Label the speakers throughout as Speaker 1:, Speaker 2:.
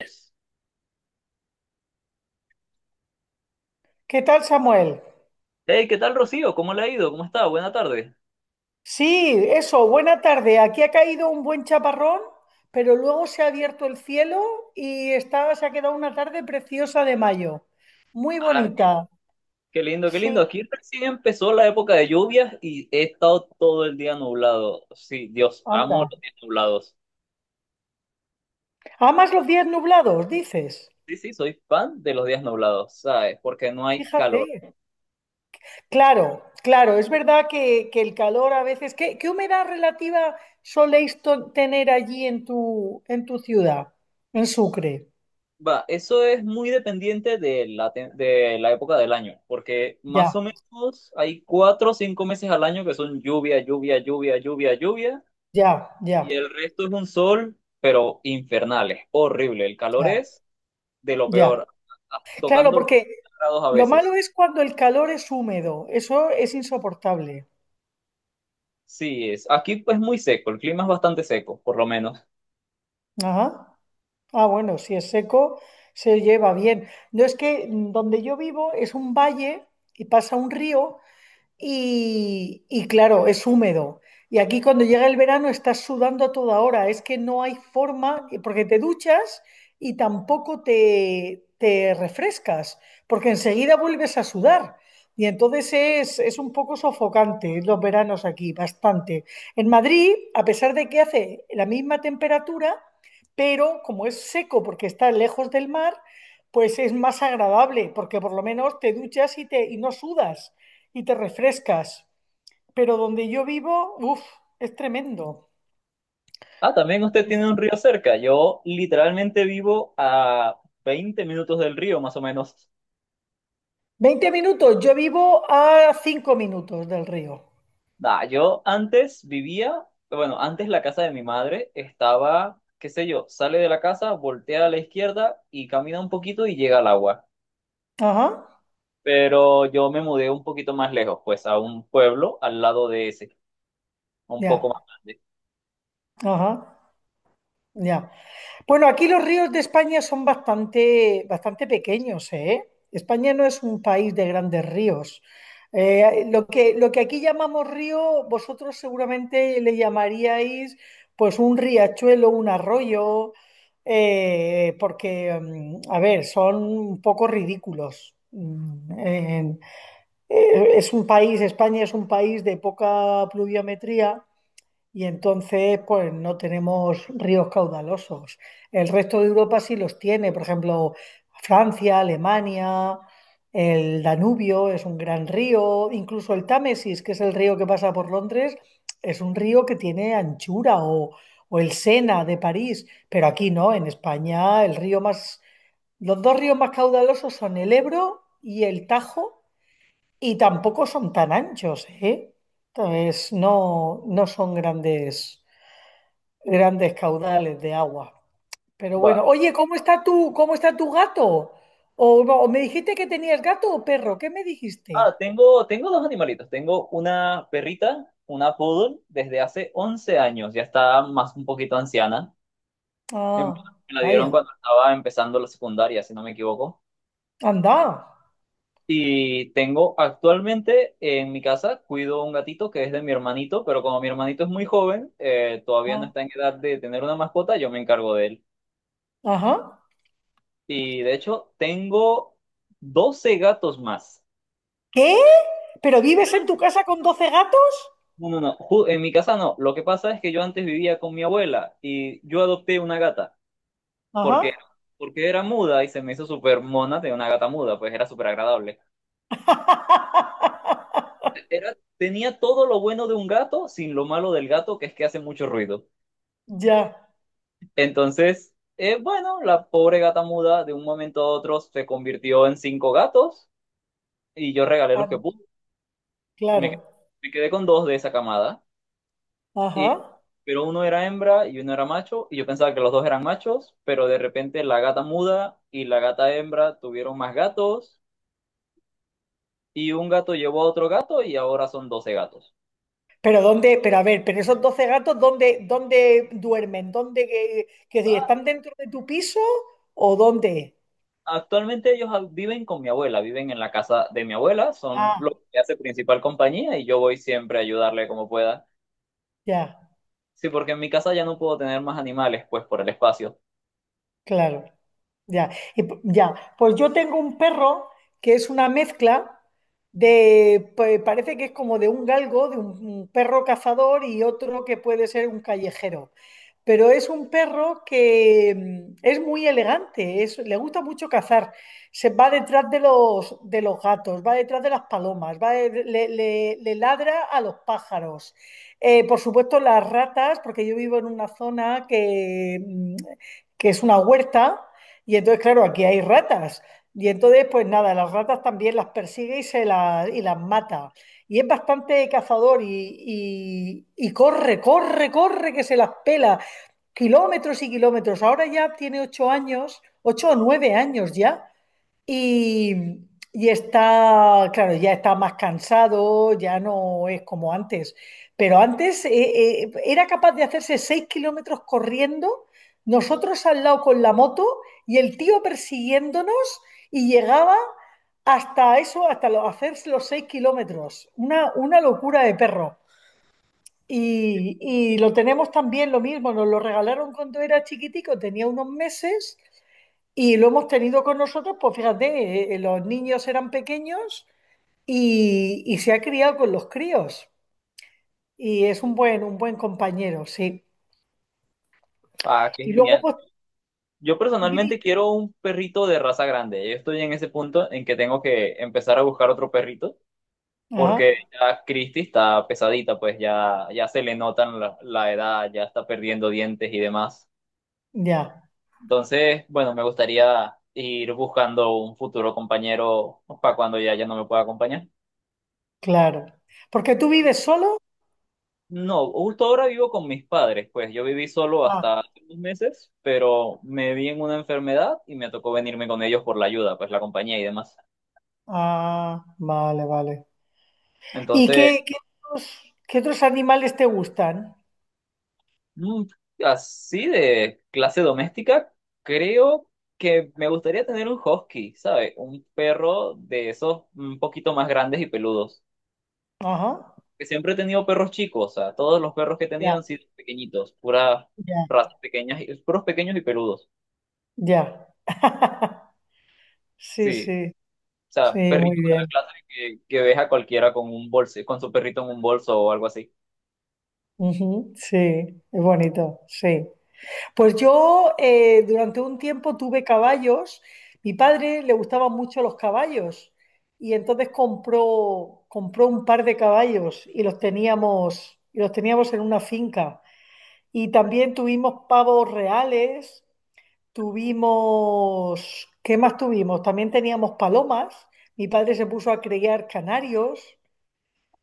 Speaker 1: Yes.
Speaker 2: ¿Qué tal, Samuel?
Speaker 1: Hey, ¿qué tal, Rocío? ¿Cómo le ha ido? ¿Cómo está? Buena tarde.
Speaker 2: Sí, eso, buena tarde. Aquí ha caído un buen chaparrón, pero luego se ha abierto el cielo y se ha quedado una tarde preciosa de mayo. Muy
Speaker 1: Ah, qué,
Speaker 2: bonita.
Speaker 1: Qué lindo, qué lindo.
Speaker 2: Sí,
Speaker 1: Aquí recién empezó la época de lluvias y he estado todo el día nublado. Sí, Dios,
Speaker 2: anda.
Speaker 1: amo los días nublados.
Speaker 2: Amas los días nublados, dices.
Speaker 1: Sí, sí, soy fan de los días nublados, ¿sabes? Porque no hay
Speaker 2: Fíjate.
Speaker 1: calor.
Speaker 2: Claro, claro, es verdad que el calor a veces. ¿Qué humedad relativa soléis tener allí en tu ciudad, en Sucre?
Speaker 1: Va, eso es muy dependiente de la época del año, porque más
Speaker 2: Ya,
Speaker 1: o menos hay 4 o 5 meses al año que son lluvia, lluvia, lluvia, lluvia, lluvia,
Speaker 2: ya,
Speaker 1: y
Speaker 2: ya,
Speaker 1: el resto es un sol, pero infernal, es horrible. El calor
Speaker 2: ya,
Speaker 1: es de lo
Speaker 2: ya.
Speaker 1: peor,
Speaker 2: Claro,
Speaker 1: tocando los
Speaker 2: porque
Speaker 1: grados a
Speaker 2: Lo malo
Speaker 1: veces.
Speaker 2: es cuando el calor es húmedo, eso es insoportable.
Speaker 1: Sí, es. Aquí es muy seco, el clima es bastante seco, por lo menos.
Speaker 2: Ajá. Ah, bueno, si es seco, se lleva bien. No es que donde yo vivo es un valle y pasa un río y claro, es húmedo. Y aquí cuando llega el verano estás sudando a toda hora, es que no hay forma, porque te duchas y tampoco te refrescas, porque enseguida vuelves a sudar. Y entonces es un poco sofocante los veranos aquí, bastante. En Madrid, a pesar de que hace la misma temperatura, pero como es seco porque está lejos del mar, pues es más agradable, porque por lo menos te duchas y no sudas y te refrescas. Pero donde yo vivo, uff, es tremendo.
Speaker 1: Ah, también usted tiene un río cerca. Yo literalmente vivo a 20 minutos del río, más o menos.
Speaker 2: 20 minutos, yo vivo a 5 minutos del río.
Speaker 1: Nah, yo antes vivía, bueno, antes la casa de mi madre estaba, qué sé yo, sale de la casa, voltea a la izquierda y camina un poquito y llega al agua.
Speaker 2: Ajá,
Speaker 1: Pero yo me mudé un poquito más lejos, pues a un pueblo al lado de ese, un poco
Speaker 2: ya,
Speaker 1: más grande.
Speaker 2: ajá, ya. Bueno, aquí los ríos de España son bastante, bastante pequeños, ¿eh? España no es un país de grandes ríos. Lo que aquí llamamos río, vosotros seguramente le llamaríais pues un riachuelo, un arroyo, porque, a ver, son un poco ridículos. España es un país de poca pluviometría y entonces, pues no tenemos ríos caudalosos. El resto de Europa sí los tiene, por ejemplo, Francia, Alemania, el Danubio es un gran río, incluso el Támesis, que es el río que pasa por Londres, es un río que tiene anchura, o el Sena de París, pero aquí no, en España los dos ríos más caudalosos son el Ebro y el Tajo, y tampoco son tan anchos, ¿eh? Entonces, no, no son grandes caudales de agua. Pero
Speaker 1: Va,
Speaker 2: bueno, oye, ¿cómo está tu gato? O, no, me dijiste que tenías gato o perro, ¿qué me dijiste?
Speaker 1: ah, tengo dos animalitos. Tengo una perrita, una poodle, desde hace 11 años. Ya está más un poquito anciana. Em-
Speaker 2: Ah,
Speaker 1: Me la dieron
Speaker 2: vaya,
Speaker 1: cuando estaba empezando la secundaria, si no me equivoco.
Speaker 2: anda.
Speaker 1: Y tengo actualmente en mi casa, cuido un gatito que es de mi hermanito, pero como mi hermanito es muy joven, todavía no
Speaker 2: Ah,
Speaker 1: está en edad de tener una mascota, yo me encargo de él.
Speaker 2: ajá.
Speaker 1: Y de hecho, tengo 12 gatos más.
Speaker 2: ¿Qué? ¿Pero vives en tu casa con 12 gatos?
Speaker 1: No, no, no. En mi casa no. Lo que pasa es que yo antes vivía con mi abuela y yo adopté una gata porque,
Speaker 2: Ajá.
Speaker 1: porque era muda y se me hizo súper mona de una gata muda, pues era súper agradable. Era, tenía todo lo bueno de un gato sin lo malo del gato, que es que hace mucho ruido.
Speaker 2: Ya,
Speaker 1: Entonces, bueno, la pobre gata muda de un momento a otro se convirtió en cinco gatos y yo regalé los que
Speaker 2: ah,
Speaker 1: pude. Me,
Speaker 2: claro.
Speaker 1: me quedé con dos de esa camada. Y,
Speaker 2: Ajá.
Speaker 1: pero uno era hembra y uno era macho, y yo pensaba que los dos eran machos, pero de repente la gata muda y la gata hembra tuvieron más gatos, y un gato llevó a otro gato y ahora son 12 gatos.
Speaker 2: Pero a ver, pero esos 12 gatos, ¿dónde duermen? ¿Dónde que
Speaker 1: O
Speaker 2: si
Speaker 1: sea,
Speaker 2: están dentro de tu piso o dónde?
Speaker 1: actualmente ellos viven con mi abuela, viven en la casa de mi abuela, son lo
Speaker 2: Ah,
Speaker 1: que hace principal compañía y yo voy siempre a ayudarle como pueda.
Speaker 2: ya.
Speaker 1: Sí, porque en mi casa ya no puedo tener más animales, pues por el espacio.
Speaker 2: Claro, ya. Pues yo tengo un perro que es una mezcla de parece que es como de un galgo, de un perro cazador y otro que puede ser un callejero pero es un perro que es muy elegante, le gusta mucho cazar, se va detrás de los gatos, va detrás de las palomas, va de- le- le ladra a los pájaros. Por supuesto, las ratas, porque yo vivo en una zona que es una huerta, y entonces, claro, aquí hay ratas. Y entonces, pues nada, las ratas también las persigue y, se la y las mata. Y es bastante cazador y, y corre, corre, corre, que se las pela kilómetros y kilómetros. Ahora ya tiene 8 años, 8 o 9 años ya, y, y está, claro, ya está más cansado, ya no es como antes. Pero antes era capaz de hacerse 6 kilómetros corriendo, nosotros al lado con la moto y el tío persiguiéndonos y llegaba hasta eso, hasta lo, hacerse los 6 kilómetros. Una locura de perro. Y lo tenemos también lo mismo, nos lo regalaron cuando era chiquitico, tenía unos meses y lo hemos tenido con nosotros, pues fíjate, los niños eran pequeños y se ha criado con los críos y es un buen compañero, sí.
Speaker 1: Ah, qué
Speaker 2: Y luego
Speaker 1: genial.
Speaker 2: pues
Speaker 1: Yo
Speaker 2: viví-
Speaker 1: personalmente quiero un perrito de raza grande. Yo estoy en ese punto en que tengo que empezar a buscar otro perrito porque
Speaker 2: Ajá,
Speaker 1: ya Christie está pesadita, pues ya, ya se le notan la, la edad, ya está perdiendo dientes y demás.
Speaker 2: ya,
Speaker 1: Entonces, bueno, me gustaría ir buscando un futuro compañero para cuando ya, ya no me pueda acompañar.
Speaker 2: claro. Porque tú vives solo.
Speaker 1: No, justo ahora vivo con mis padres, pues yo viví solo
Speaker 2: Ah,
Speaker 1: hasta hace unos meses, pero me vi en una enfermedad y me tocó venirme con ellos por la ayuda, pues la compañía y demás.
Speaker 2: ah, vale, vale. ¿Y
Speaker 1: Entonces.
Speaker 2: otros, qué otros animales te gustan?
Speaker 1: Mm, Así de clase doméstica, creo que me gustaría tener un husky, ¿sabes? Un perro de esos un poquito más grandes y peludos.
Speaker 2: Ajá,
Speaker 1: Que siempre he tenido perros chicos, o sea, todos los perros que he tenido
Speaker 2: ya,
Speaker 1: han sido pequeñitos, puras
Speaker 2: ya,
Speaker 1: razas pequeñas, y- puros pequeños y peludos.
Speaker 2: ya. Sí,
Speaker 1: Sí,
Speaker 2: sí,
Speaker 1: o sea,
Speaker 2: sí, muy
Speaker 1: perritos de la
Speaker 2: bien.
Speaker 1: clase que ves a cualquiera con un bolso, con su perrito en un bolso o algo así.
Speaker 2: Ujú, sí, es bonito, sí. Pues yo durante un tiempo tuve caballos. Mi padre le gustaban mucho los caballos y entonces compró un par de caballos y los teníamos en una finca. Y también tuvimos pavos reales, tuvimos, ¿qué más tuvimos? También teníamos palomas. Mi padre se puso a criar canarios.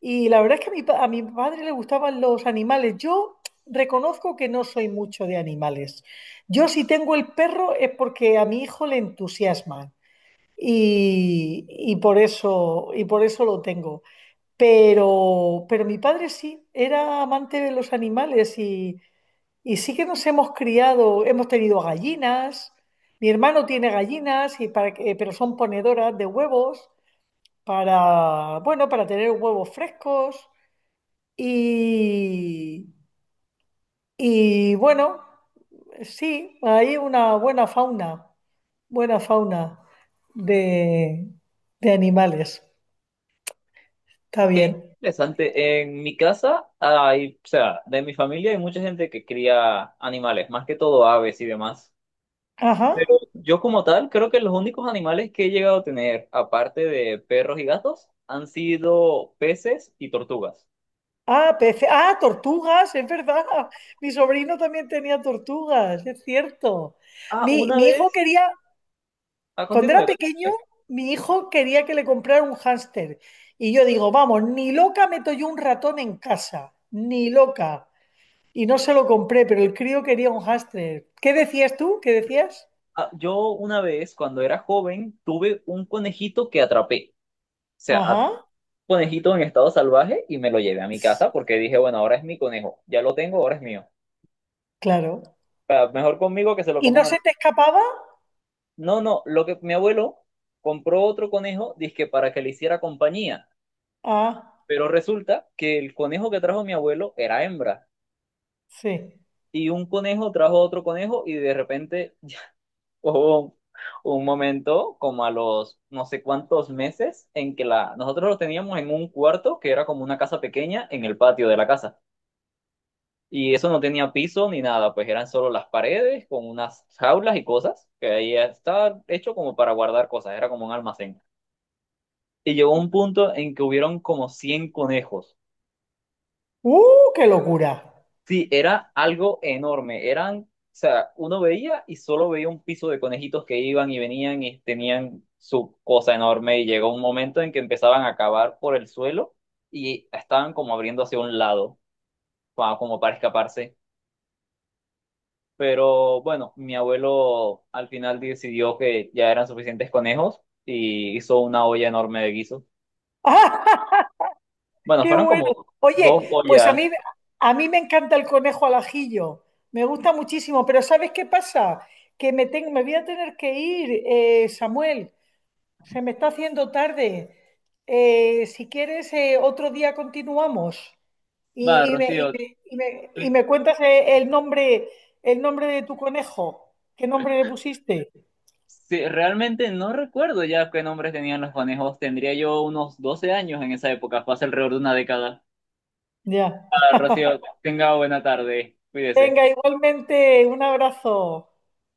Speaker 2: Y la verdad es que a mi padre le gustaban los animales. Yo reconozco que no soy mucho de animales. Yo si tengo el perro es porque a mi hijo le entusiasma y por eso, y por eso lo tengo. Pero mi padre sí, era amante de los animales y sí que nos hemos criado, hemos tenido gallinas. Mi hermano tiene gallinas, pero son ponedoras de huevos para, bueno, para tener huevos frescos. Y, y bueno, sí, hay una buena fauna de, de animales. Está
Speaker 1: Ok,
Speaker 2: bien.
Speaker 1: interesante. En mi casa hay, o sea, de mi familia hay mucha gente que cría animales, más que todo aves y demás.
Speaker 2: Ajá.
Speaker 1: Pero yo como tal, creo que los únicos animales que he llegado a tener, aparte de perros y gatos, han sido peces y tortugas.
Speaker 2: Ah, peces. Ah, tortugas, es verdad. Mi sobrino también tenía tortugas, es cierto.
Speaker 1: Ah,
Speaker 2: Mi,
Speaker 1: una
Speaker 2: mi
Speaker 1: vez,
Speaker 2: hijo quería,
Speaker 1: Ah, a
Speaker 2: cuando era pequeño, mi hijo quería que le comprara un hámster. Y yo digo, vamos, ni loca meto yo un ratón en casa, ni loca. Y no se lo compré, pero el crío quería un Hashtag. ¿Qué decías tú? ¿Qué decías?
Speaker 1: Ah, yo una vez, cuando era joven, tuve un conejito que atrapé. O sea,
Speaker 2: Ajá,
Speaker 1: conejito en estado salvaje y me lo llevé a mi casa porque dije, bueno, ahora es mi conejo, ya lo tengo, ahora es mío.
Speaker 2: claro.
Speaker 1: Sea, mejor conmigo que se lo
Speaker 2: ¿Y
Speaker 1: coma
Speaker 2: no
Speaker 1: un
Speaker 2: se
Speaker 1: animal.
Speaker 2: te escapaba?
Speaker 1: No, no, lo que mi abuelo compró otro conejo, dizque para que le hiciera compañía,
Speaker 2: Ah,
Speaker 1: pero resulta que el conejo que trajo mi abuelo era hembra
Speaker 2: sí.
Speaker 1: y un conejo trajo otro conejo y de repente llegó un momento como a los no sé cuántos meses en que la nosotros lo teníamos en un cuarto que era como una casa pequeña en el patio de la casa. Y eso no tenía piso ni nada, pues eran solo las paredes con unas jaulas y cosas, que ahí estaba hecho como para guardar cosas, era como un almacén. Y llegó un punto en que hubieron como 100 conejos.
Speaker 2: ¡Uh, qué locura!
Speaker 1: Sí, era algo enorme, eran, o sea, uno veía y solo veía un piso de conejitos que iban y venían y tenían su cosa enorme y llegó un momento en que empezaban a cavar por el suelo y estaban como abriendo hacia un lado, como para escaparse. Pero bueno, mi abuelo al final decidió que ya eran suficientes conejos y hizo una olla enorme de guiso.
Speaker 2: ¡Ah,
Speaker 1: Bueno,
Speaker 2: qué
Speaker 1: fueron
Speaker 2: bueno!
Speaker 1: como dos
Speaker 2: Oye, pues
Speaker 1: ollas.
Speaker 2: a mí me encanta el conejo al ajillo. Me gusta muchísimo, pero ¿sabes qué pasa? Me voy a tener que ir, Samuel. Se me está haciendo tarde. Si quieres, otro día continuamos.
Speaker 1: Va,
Speaker 2: Y me, y
Speaker 1: Rocío,
Speaker 2: me- y me- y me cuentas el nombre de tu conejo. ¿Qué nombre le pusiste?
Speaker 1: sí, realmente no recuerdo ya qué nombres tenían los conejos. Tendría yo unos 12 años en esa época, fue hace alrededor de una década.
Speaker 2: Ya.
Speaker 1: Va, Rocío, tenga buena tarde. Cuídese.
Speaker 2: Venga, igualmente, un abrazo.